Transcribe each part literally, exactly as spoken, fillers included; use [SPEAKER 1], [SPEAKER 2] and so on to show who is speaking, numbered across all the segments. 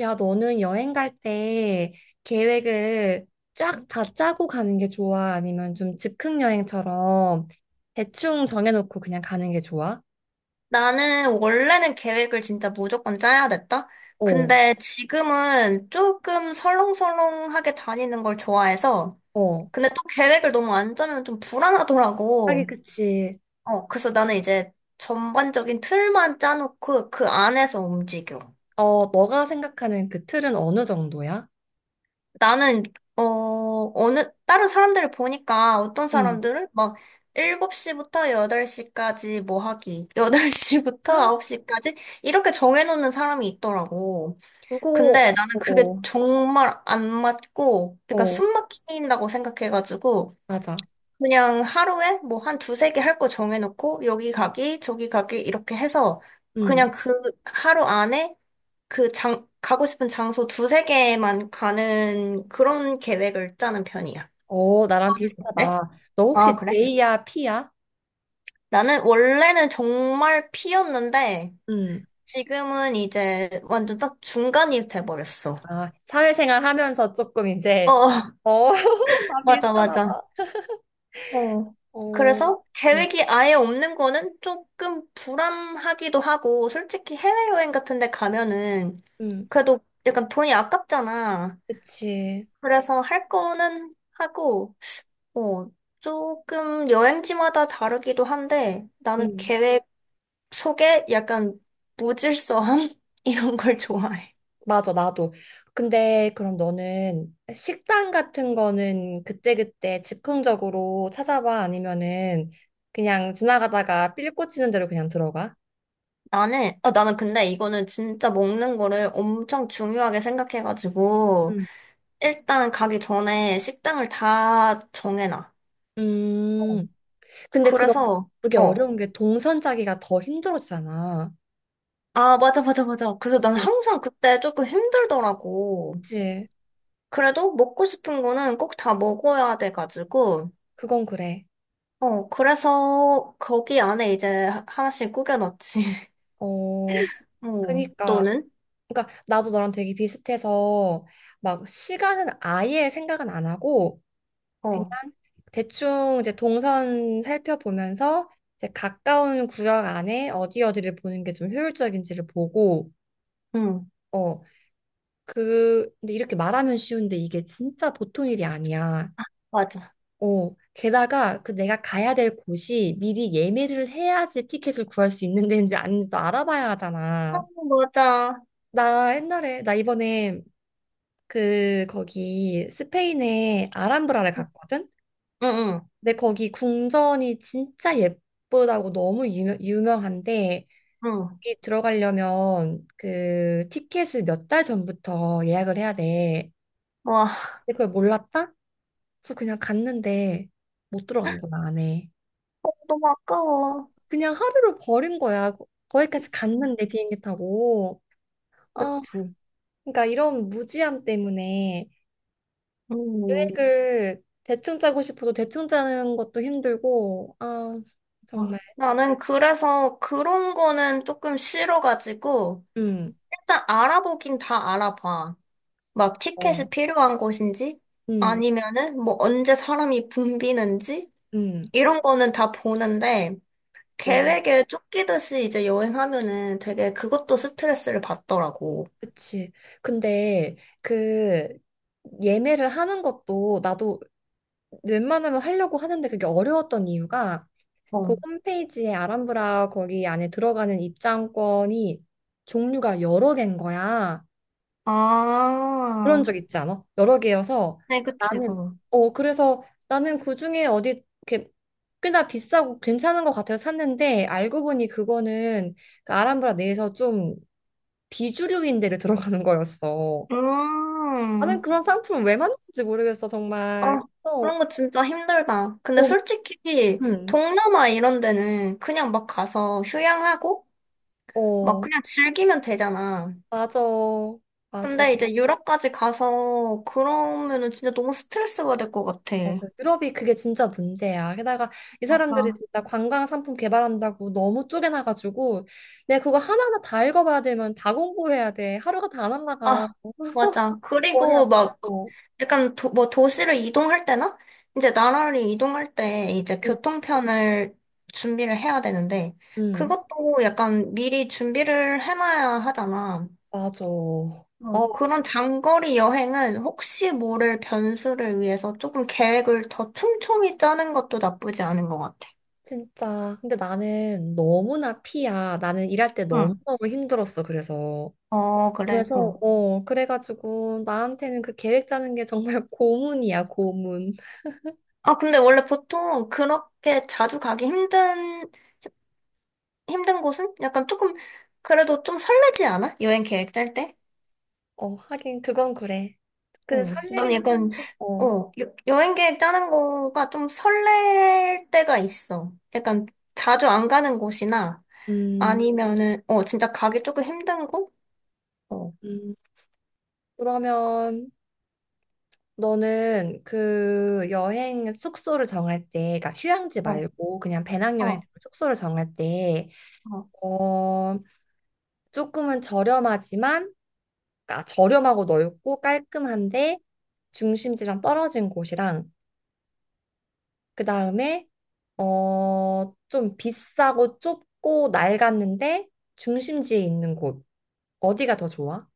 [SPEAKER 1] 야, 너는 여행 갈 때 계획을 쫙 다 짜고 가는 게 좋아? 아니면 좀 즉흥 여행처럼 대충 정해놓고 그냥 가는 게 좋아?
[SPEAKER 2] 나는 원래는 계획을 진짜 무조건 짜야 됐다.
[SPEAKER 1] 어,
[SPEAKER 2] 근데 지금은 조금 설렁설렁하게 다니는 걸 좋아해서,
[SPEAKER 1] 어.
[SPEAKER 2] 근데 또 계획을 너무 안 짜면 좀
[SPEAKER 1] 하긴
[SPEAKER 2] 불안하더라고.
[SPEAKER 1] 그치.
[SPEAKER 2] 어, 그래서 나는 이제 전반적인 틀만 짜놓고 그 안에서 움직여.
[SPEAKER 1] 어, 너가 생각하는 그 틀은 어느 정도야?
[SPEAKER 2] 나는, 어, 어느, 다른 사람들을 보니까 어떤
[SPEAKER 1] 응.
[SPEAKER 2] 사람들은 막 일곱 시부터 여덟 시까지 뭐 하기, 여덟 시부터
[SPEAKER 1] 아,
[SPEAKER 2] 아홉 시까지 이렇게 정해놓는 사람이 있더라고.
[SPEAKER 1] 그거,
[SPEAKER 2] 근데
[SPEAKER 1] 어,
[SPEAKER 2] 나는 그게
[SPEAKER 1] 어,
[SPEAKER 2] 정말 안 맞고, 그러니까
[SPEAKER 1] 어,
[SPEAKER 2] 숨 막힌다고 생각해가지고,
[SPEAKER 1] 맞아.
[SPEAKER 2] 그냥 하루에 뭐 한 두세 개 할 거 정해놓고, 여기 가기, 저기 가기, 이렇게 해서,
[SPEAKER 1] 응.
[SPEAKER 2] 그냥 그 하루 안에 그 장, 가고 싶은 장소 두세 개만 가는 그런 계획을 짜는 편이야.
[SPEAKER 1] 어, 나랑
[SPEAKER 2] 네?
[SPEAKER 1] 비슷하다. 너 혹시
[SPEAKER 2] 아, 그래?
[SPEAKER 1] J야, P야?
[SPEAKER 2] 나는 원래는 정말 P였는데,
[SPEAKER 1] 응.
[SPEAKER 2] 지금은 이제 완전 딱 중간이 돼버렸어.
[SPEAKER 1] 아, 사회생활 하면서 조금 이제,
[SPEAKER 2] 어,
[SPEAKER 1] 어, 다
[SPEAKER 2] 맞아,
[SPEAKER 1] 비슷하나
[SPEAKER 2] 맞아.
[SPEAKER 1] 봐.
[SPEAKER 2] 어.
[SPEAKER 1] 어,
[SPEAKER 2] 그래서
[SPEAKER 1] 음,
[SPEAKER 2] 계획이 아예 없는 거는 조금 불안하기도 하고, 솔직히 해외여행 같은 데 가면은
[SPEAKER 1] 음,
[SPEAKER 2] 그래도 약간 돈이 아깝잖아.
[SPEAKER 1] 그치.
[SPEAKER 2] 그래서 할 거는 하고, 어, 조금 여행지마다 다르기도 한데, 나는
[SPEAKER 1] 음,
[SPEAKER 2] 계획 속에 약간 무질서함? 이런 걸 좋아해.
[SPEAKER 1] 맞아, 나도. 근데 그럼 너는 식당 같은 거는 그때그때 즉흥적으로 찾아봐? 아니면은 그냥 지나가다가 삘 꽂히는 대로 그냥 들어가?
[SPEAKER 2] 나는, 어, 나는 근데 이거는 진짜 먹는 거를 엄청 중요하게 생각해가지고,
[SPEAKER 1] 음.
[SPEAKER 2] 일단 가기 전에 식당을 다 정해놔.
[SPEAKER 1] 음, 근데 그럼
[SPEAKER 2] 그래서,
[SPEAKER 1] 그게
[SPEAKER 2] 어.
[SPEAKER 1] 어려운 게 동선 짜기가 더 힘들어지잖아.
[SPEAKER 2] 아, 맞아, 맞아, 맞아. 그래서 난
[SPEAKER 1] 네.
[SPEAKER 2] 항상 그때 조금 힘들더라고.
[SPEAKER 1] 그치?
[SPEAKER 2] 그래도 먹고 싶은 거는 꼭 다 먹어야 돼가지고,
[SPEAKER 1] 그건 그래.
[SPEAKER 2] 어, 그래서 거기 안에 이제 하- 하나씩 꾸겨넣지.
[SPEAKER 1] 어,
[SPEAKER 2] 어,
[SPEAKER 1] 그니까.
[SPEAKER 2] 또는?
[SPEAKER 1] 그니까 나도 너랑 되게 비슷해서 막 시간은 아예 생각은 안 하고 그냥
[SPEAKER 2] 어,
[SPEAKER 1] 대충 이제 동선 살펴보면서 이제 가까운 구역 안에 어디 어디를 보는 게 좀 효율적인지를 보고
[SPEAKER 2] 응,
[SPEAKER 1] 어, 그 근데 이렇게 말하면 쉬운데 이게 진짜 보통 일이 아니야.
[SPEAKER 2] 맞아.
[SPEAKER 1] 어, 게다가 그 내가 가야 될 곳이 미리 예매를 해야지 티켓을 구할 수 있는 데인지 아닌지도 알아봐야
[SPEAKER 2] 아,
[SPEAKER 1] 하잖아.
[SPEAKER 2] 맞아.
[SPEAKER 1] 나 옛날에 나 이번에 그 거기 스페인에 아람브라를
[SPEAKER 2] 응,
[SPEAKER 1] 갔거든.
[SPEAKER 2] 응,
[SPEAKER 1] 근데 거기 궁전이 진짜 예쁘다고 너무 유명, 유명한데
[SPEAKER 2] 응.
[SPEAKER 1] 거기 들어가려면 그 티켓을 몇 달 전부터 예약을 해야 돼.
[SPEAKER 2] 와,
[SPEAKER 1] 근데 그걸 몰랐다? 그래서 그냥 갔는데 못 들어간 거야 안에.
[SPEAKER 2] 어, 너무 아까워.
[SPEAKER 1] 그냥 하루를 버린 거야. 거- 거기까지
[SPEAKER 2] 그치,
[SPEAKER 1] 갔는데 비행기 타고. 아,
[SPEAKER 2] 그치.
[SPEAKER 1] 그러니까 이런 무지함 때문에
[SPEAKER 2] 음.
[SPEAKER 1] 계획을 대충 짜고 싶어도 대충 짜는 것도 힘들고, 아,
[SPEAKER 2] 어.
[SPEAKER 1] 정말.
[SPEAKER 2] 나는 그래서 그런 거는 조금 싫어가지고,
[SPEAKER 1] 음,
[SPEAKER 2] 일단 알아보긴 다 알아봐. 막
[SPEAKER 1] 어,
[SPEAKER 2] 티켓이 필요한 곳인지,
[SPEAKER 1] 음,
[SPEAKER 2] 아니면은 뭐 언제 사람이 붐비는지,
[SPEAKER 1] 음.
[SPEAKER 2] 이런 거는 다 보는데,
[SPEAKER 1] 어.
[SPEAKER 2] 계획에 쫓기듯이 이제 여행하면은 되게 그것도 스트레스를 받더라고.
[SPEAKER 1] 그치. 근데 그 예매를 하는 것도 나도 웬만하면 하려고 하는데 그게 어려웠던 이유가 그
[SPEAKER 2] 어.
[SPEAKER 1] 홈페이지에 아람브라 거기 안에 들어가는 입장권이 종류가 여러 개인 거야. 그런
[SPEAKER 2] 아,
[SPEAKER 1] 적 있지 않아? 여러 개여서
[SPEAKER 2] 네, 그치,
[SPEAKER 1] 나는
[SPEAKER 2] 어.
[SPEAKER 1] 어 그래서 나는 그중에 어디 이렇게 꽤나 비싸고 괜찮은 것 같아서 샀는데 알고 보니 그거는 그 아람브라 내에서 좀 비주류인 데를 들어가는 거였어. 나는
[SPEAKER 2] 음.
[SPEAKER 1] 그런 상품을 왜 만드는지 모르겠어, 정말.
[SPEAKER 2] 아,
[SPEAKER 1] 그래서,
[SPEAKER 2] 그런 거 진짜 힘들다. 근데
[SPEAKER 1] 어,
[SPEAKER 2] 솔직히
[SPEAKER 1] 음.
[SPEAKER 2] 동남아 이런 데는 그냥 막 가서 휴양하고 막
[SPEAKER 1] 어,
[SPEAKER 2] 그냥 즐기면 되잖아.
[SPEAKER 1] 맞아. 맞아.
[SPEAKER 2] 근데 이제 유럽까지 가서 그러면은 진짜 너무 스트레스가 될 것 같아.
[SPEAKER 1] 맞아. 유럽이 그게 진짜 문제야. 게다가 이 사람들이
[SPEAKER 2] 맞아.
[SPEAKER 1] 진짜 관광 상품 개발한다고 너무 쪼개놔가지고, 내가 그거 하나하나 다 읽어봐야 되면 다 공부해야 돼. 하루가 다 날라가.
[SPEAKER 2] 아, 맞아.
[SPEAKER 1] 머리
[SPEAKER 2] 그리고 막
[SPEAKER 1] 아프고.
[SPEAKER 2] 약간 도, 뭐 도시를 이동할 때나 이제 나라를 이동할 때 이제
[SPEAKER 1] 응,
[SPEAKER 2] 교통편을 준비를 해야 되는데
[SPEAKER 1] 응,
[SPEAKER 2] 그것도 약간 미리 준비를 해놔야 하잖아.
[SPEAKER 1] 맞아.
[SPEAKER 2] 어,
[SPEAKER 1] 아,
[SPEAKER 2] 그런 장거리 여행은 혹시 모를 변수를 위해서 조금 계획을 더 촘촘히 짜는 것도 나쁘지 않은 것 같아.
[SPEAKER 1] 진짜. 근데 나는 너무나 피야. 나는 일할 때
[SPEAKER 2] 응.
[SPEAKER 1] 너무너무 힘들었어, 그래서.
[SPEAKER 2] 어, 그래.
[SPEAKER 1] 그래서,
[SPEAKER 2] 어.
[SPEAKER 1] 어, 그래가지고 나한테는 그 계획 짜는 게 정말 고문이야, 고문.
[SPEAKER 2] 아, 근데 원래 보통 그렇게 자주 가기 힘든, 힘든 곳은 약간 조금, 그래도 좀 설레지 않아? 여행 계획 짤 때?
[SPEAKER 1] 어, 하긴 그건 그래. 근데
[SPEAKER 2] 어. 난
[SPEAKER 1] 설레긴
[SPEAKER 2] 약간,
[SPEAKER 1] 하는데, 어,
[SPEAKER 2] 어, 여, 여행 계획 짜는 거가 좀 설렐 때가 있어. 약간 자주 안 가는 곳이나
[SPEAKER 1] 음,
[SPEAKER 2] 아니면은, 어, 진짜 가기 조금 힘든 곳? 어.
[SPEAKER 1] 음. 그러면 너는 그 여행 숙소를 정할 때, 그러니까 휴양지
[SPEAKER 2] 어,
[SPEAKER 1] 말고 그냥 배낭여행
[SPEAKER 2] 어,
[SPEAKER 1] 숙소를 정할 때,
[SPEAKER 2] 어,
[SPEAKER 1] 어, 조금은 저렴하지만, 그러니까 저렴하고 넓고 깔끔한데 중심지랑 떨어진 곳이랑 그 다음에 어, 좀 비싸고 좁고 낡았는데 중심지에 있는 곳. 어디가 더 좋아?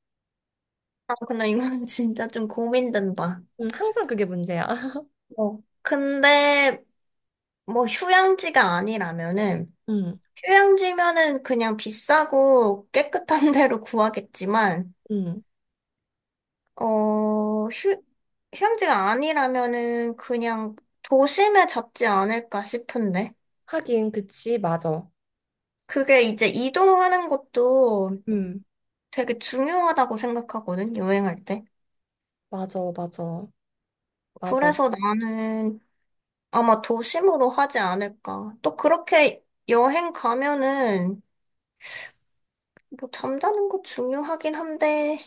[SPEAKER 2] 아, 근데 이건 진짜 좀 고민된다.
[SPEAKER 1] 음, 항상 그게 문제야.
[SPEAKER 2] 어. 근데 뭐 휴양지가 아니라면은
[SPEAKER 1] 음,
[SPEAKER 2] 휴양지면은 그냥 비싸고 깨끗한 데로 구하겠지만
[SPEAKER 1] 음.
[SPEAKER 2] 어, 휴, 휴양지가 아니라면은 그냥 도심에 잡지 않을까 싶은데
[SPEAKER 1] 하긴, 그치, 맞아.
[SPEAKER 2] 그게 이제 이동하는 것도
[SPEAKER 1] 음,
[SPEAKER 2] 되게 중요하다고 생각하거든, 여행할 때.
[SPEAKER 1] 맞아, 맞아, 맞아.
[SPEAKER 2] 그래서 나는 아마 도심으로 하지 않을까. 또 그렇게 여행 가면은 뭐 잠자는 거 중요하긴 한데,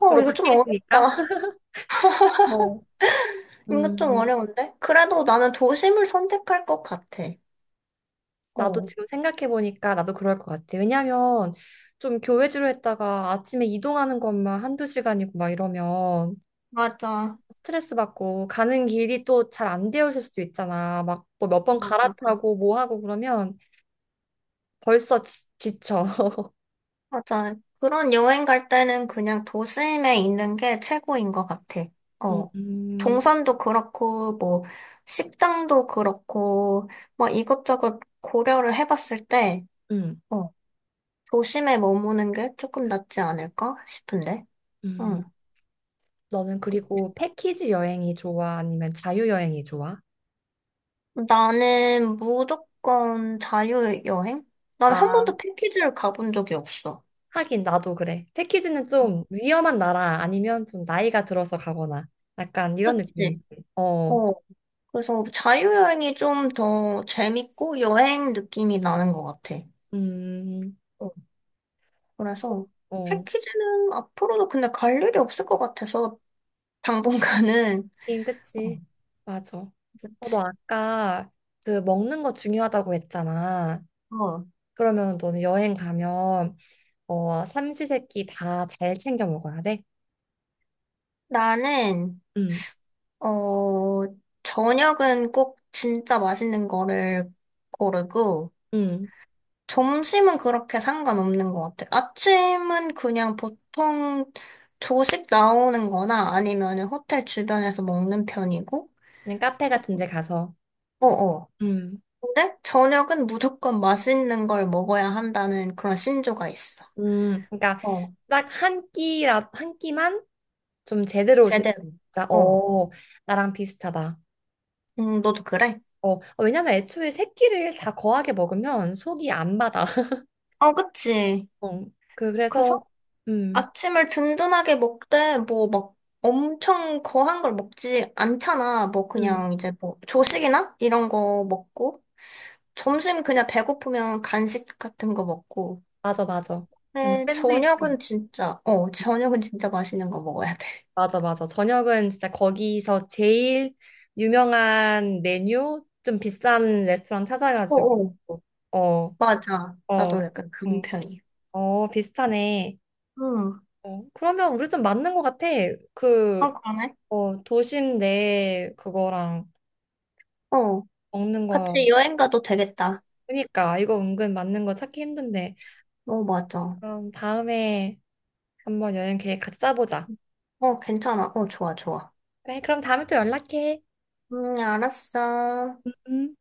[SPEAKER 2] 어,
[SPEAKER 1] 주로
[SPEAKER 2] 이거 좀
[SPEAKER 1] 밖에 있으니까.
[SPEAKER 2] 어렵다.
[SPEAKER 1] 어.
[SPEAKER 2] 이거 좀
[SPEAKER 1] 음,
[SPEAKER 2] 어려운데? 그래도 나는 도심을 선택할 것 같아.
[SPEAKER 1] 나도
[SPEAKER 2] 어,
[SPEAKER 1] 지금 생각해보니까 나도 그럴 것 같아. 왜냐면 좀 교회주로 했다가 아침에 이동하는 것만 한두 시간이고 막 이러면
[SPEAKER 2] 맞아.
[SPEAKER 1] 스트레스 받고 가는 길이 또 잘 안 되어 있을 수도 있잖아. 막 뭐 몇 번
[SPEAKER 2] 맞아.
[SPEAKER 1] 갈아타고 뭐 하고 그러면 벌써 지, 지쳐.
[SPEAKER 2] 맞아. 그런 여행 갈 때는 그냥 도심에 있는 게 최고인 것 같아.
[SPEAKER 1] 음,
[SPEAKER 2] 어.
[SPEAKER 1] 음,
[SPEAKER 2] 동선도 그렇고, 뭐, 식당도 그렇고, 뭐 이것저것 고려를 해봤을 때,
[SPEAKER 1] 음.
[SPEAKER 2] 어, 도심에 머무는 게 조금 낫지 않을까 싶은데. 응.
[SPEAKER 1] 음. 너는 그리고 패키지 여행이 좋아? 아니면 자유 여행이 좋아?
[SPEAKER 2] 나는 무조건 자유여행? 난 한
[SPEAKER 1] 아,
[SPEAKER 2] 번도 패키지를 가본 적이 없어.
[SPEAKER 1] 하긴 나도 그래. 패키지는 좀 위험한 나라 아니면 좀 나이가 들어서 가거나 약간 이런
[SPEAKER 2] 그치?
[SPEAKER 1] 느낌이지. 어,
[SPEAKER 2] 어. 그래서 자유여행이 좀 더 재밌고 여행 느낌이 나는 것 같아.
[SPEAKER 1] 음,
[SPEAKER 2] 어. 그래서
[SPEAKER 1] 어.
[SPEAKER 2] 패키지는 앞으로도 근데 갈 일이 없을 것 같아서 당분간은.
[SPEAKER 1] 하긴
[SPEAKER 2] 어.
[SPEAKER 1] 그치. 맞아. 어,
[SPEAKER 2] 그치.
[SPEAKER 1] 너 아까 그 먹는 거 중요하다고 했잖아.
[SPEAKER 2] 어.
[SPEAKER 1] 그러면 너는 여행 가면 어 삼시세끼 다 잘 챙겨 먹어야 돼.
[SPEAKER 2] 나는
[SPEAKER 1] 응,
[SPEAKER 2] 어, 저녁은 꼭 진짜 맛있는 거를 고르고,
[SPEAKER 1] 응.
[SPEAKER 2] 점심은 그렇게 상관없는 것 같아요. 아침은 그냥 보통 조식 나오는 거나 아니면 호텔 주변에서 먹는 편이고,
[SPEAKER 1] 그냥 카페 같은 데 가서.
[SPEAKER 2] 어어.
[SPEAKER 1] 응,
[SPEAKER 2] 근데 저녁은 무조건 맛있는 걸 먹어야 한다는 그런 신조가 있어.
[SPEAKER 1] 응. 그러니까
[SPEAKER 2] 어,
[SPEAKER 1] 딱 한 끼라 한 끼만 좀 제대로 되-
[SPEAKER 2] 제대로.
[SPEAKER 1] 진짜
[SPEAKER 2] 어.
[SPEAKER 1] 어 나랑 비슷하다.
[SPEAKER 2] 음, 너도 그래?
[SPEAKER 1] 어 어, 왜냐면 애초에 세 끼를 다 거하게 먹으면 속이 안 받아.
[SPEAKER 2] 어, 그치.
[SPEAKER 1] 어, 그
[SPEAKER 2] 그래서
[SPEAKER 1] 그래서 음,
[SPEAKER 2] 아침을 든든하게 먹되, 뭐, 막, 엄청 거한 걸 먹지 않잖아. 뭐,
[SPEAKER 1] 음.
[SPEAKER 2] 그냥 이제 뭐, 조식이나? 이런 거 먹고. 점심 그냥 배고프면 간식 같은 거 먹고.
[SPEAKER 1] 맞아, 맞아. 뭐
[SPEAKER 2] 근데
[SPEAKER 1] 샌드위치.
[SPEAKER 2] 저녁은 진짜, 어, 저녁은 진짜 맛있는 거 먹어야 돼.
[SPEAKER 1] 맞아, 맞아. 저녁은 진짜 거기서 제일 유명한 메뉴, 좀 비싼 레스토랑 찾아가지고.
[SPEAKER 2] 어어.
[SPEAKER 1] 어,
[SPEAKER 2] 맞아. 나도
[SPEAKER 1] 어,
[SPEAKER 2] 약간 그런
[SPEAKER 1] 응.
[SPEAKER 2] 편이야.
[SPEAKER 1] 어, 비슷하네.
[SPEAKER 2] 응.
[SPEAKER 1] 어, 그러면 우리 좀 맞는 것 같아. 그,
[SPEAKER 2] 아, 그러네.
[SPEAKER 1] 어, 도심 내 그거랑
[SPEAKER 2] 어.
[SPEAKER 1] 먹는 거.
[SPEAKER 2] 같이 여행 가도 되겠다.
[SPEAKER 1] 그러니까 이거 은근 맞는 거 찾기 힘든데.
[SPEAKER 2] 어, 맞아.
[SPEAKER 1] 그럼 다음에 한번 여행 계획 같이 짜보자.
[SPEAKER 2] 어, 괜찮아. 어, 좋아, 좋아.
[SPEAKER 1] 그래, 그럼 다음에 또 연락해.
[SPEAKER 2] 음, 알았어.
[SPEAKER 1] 음.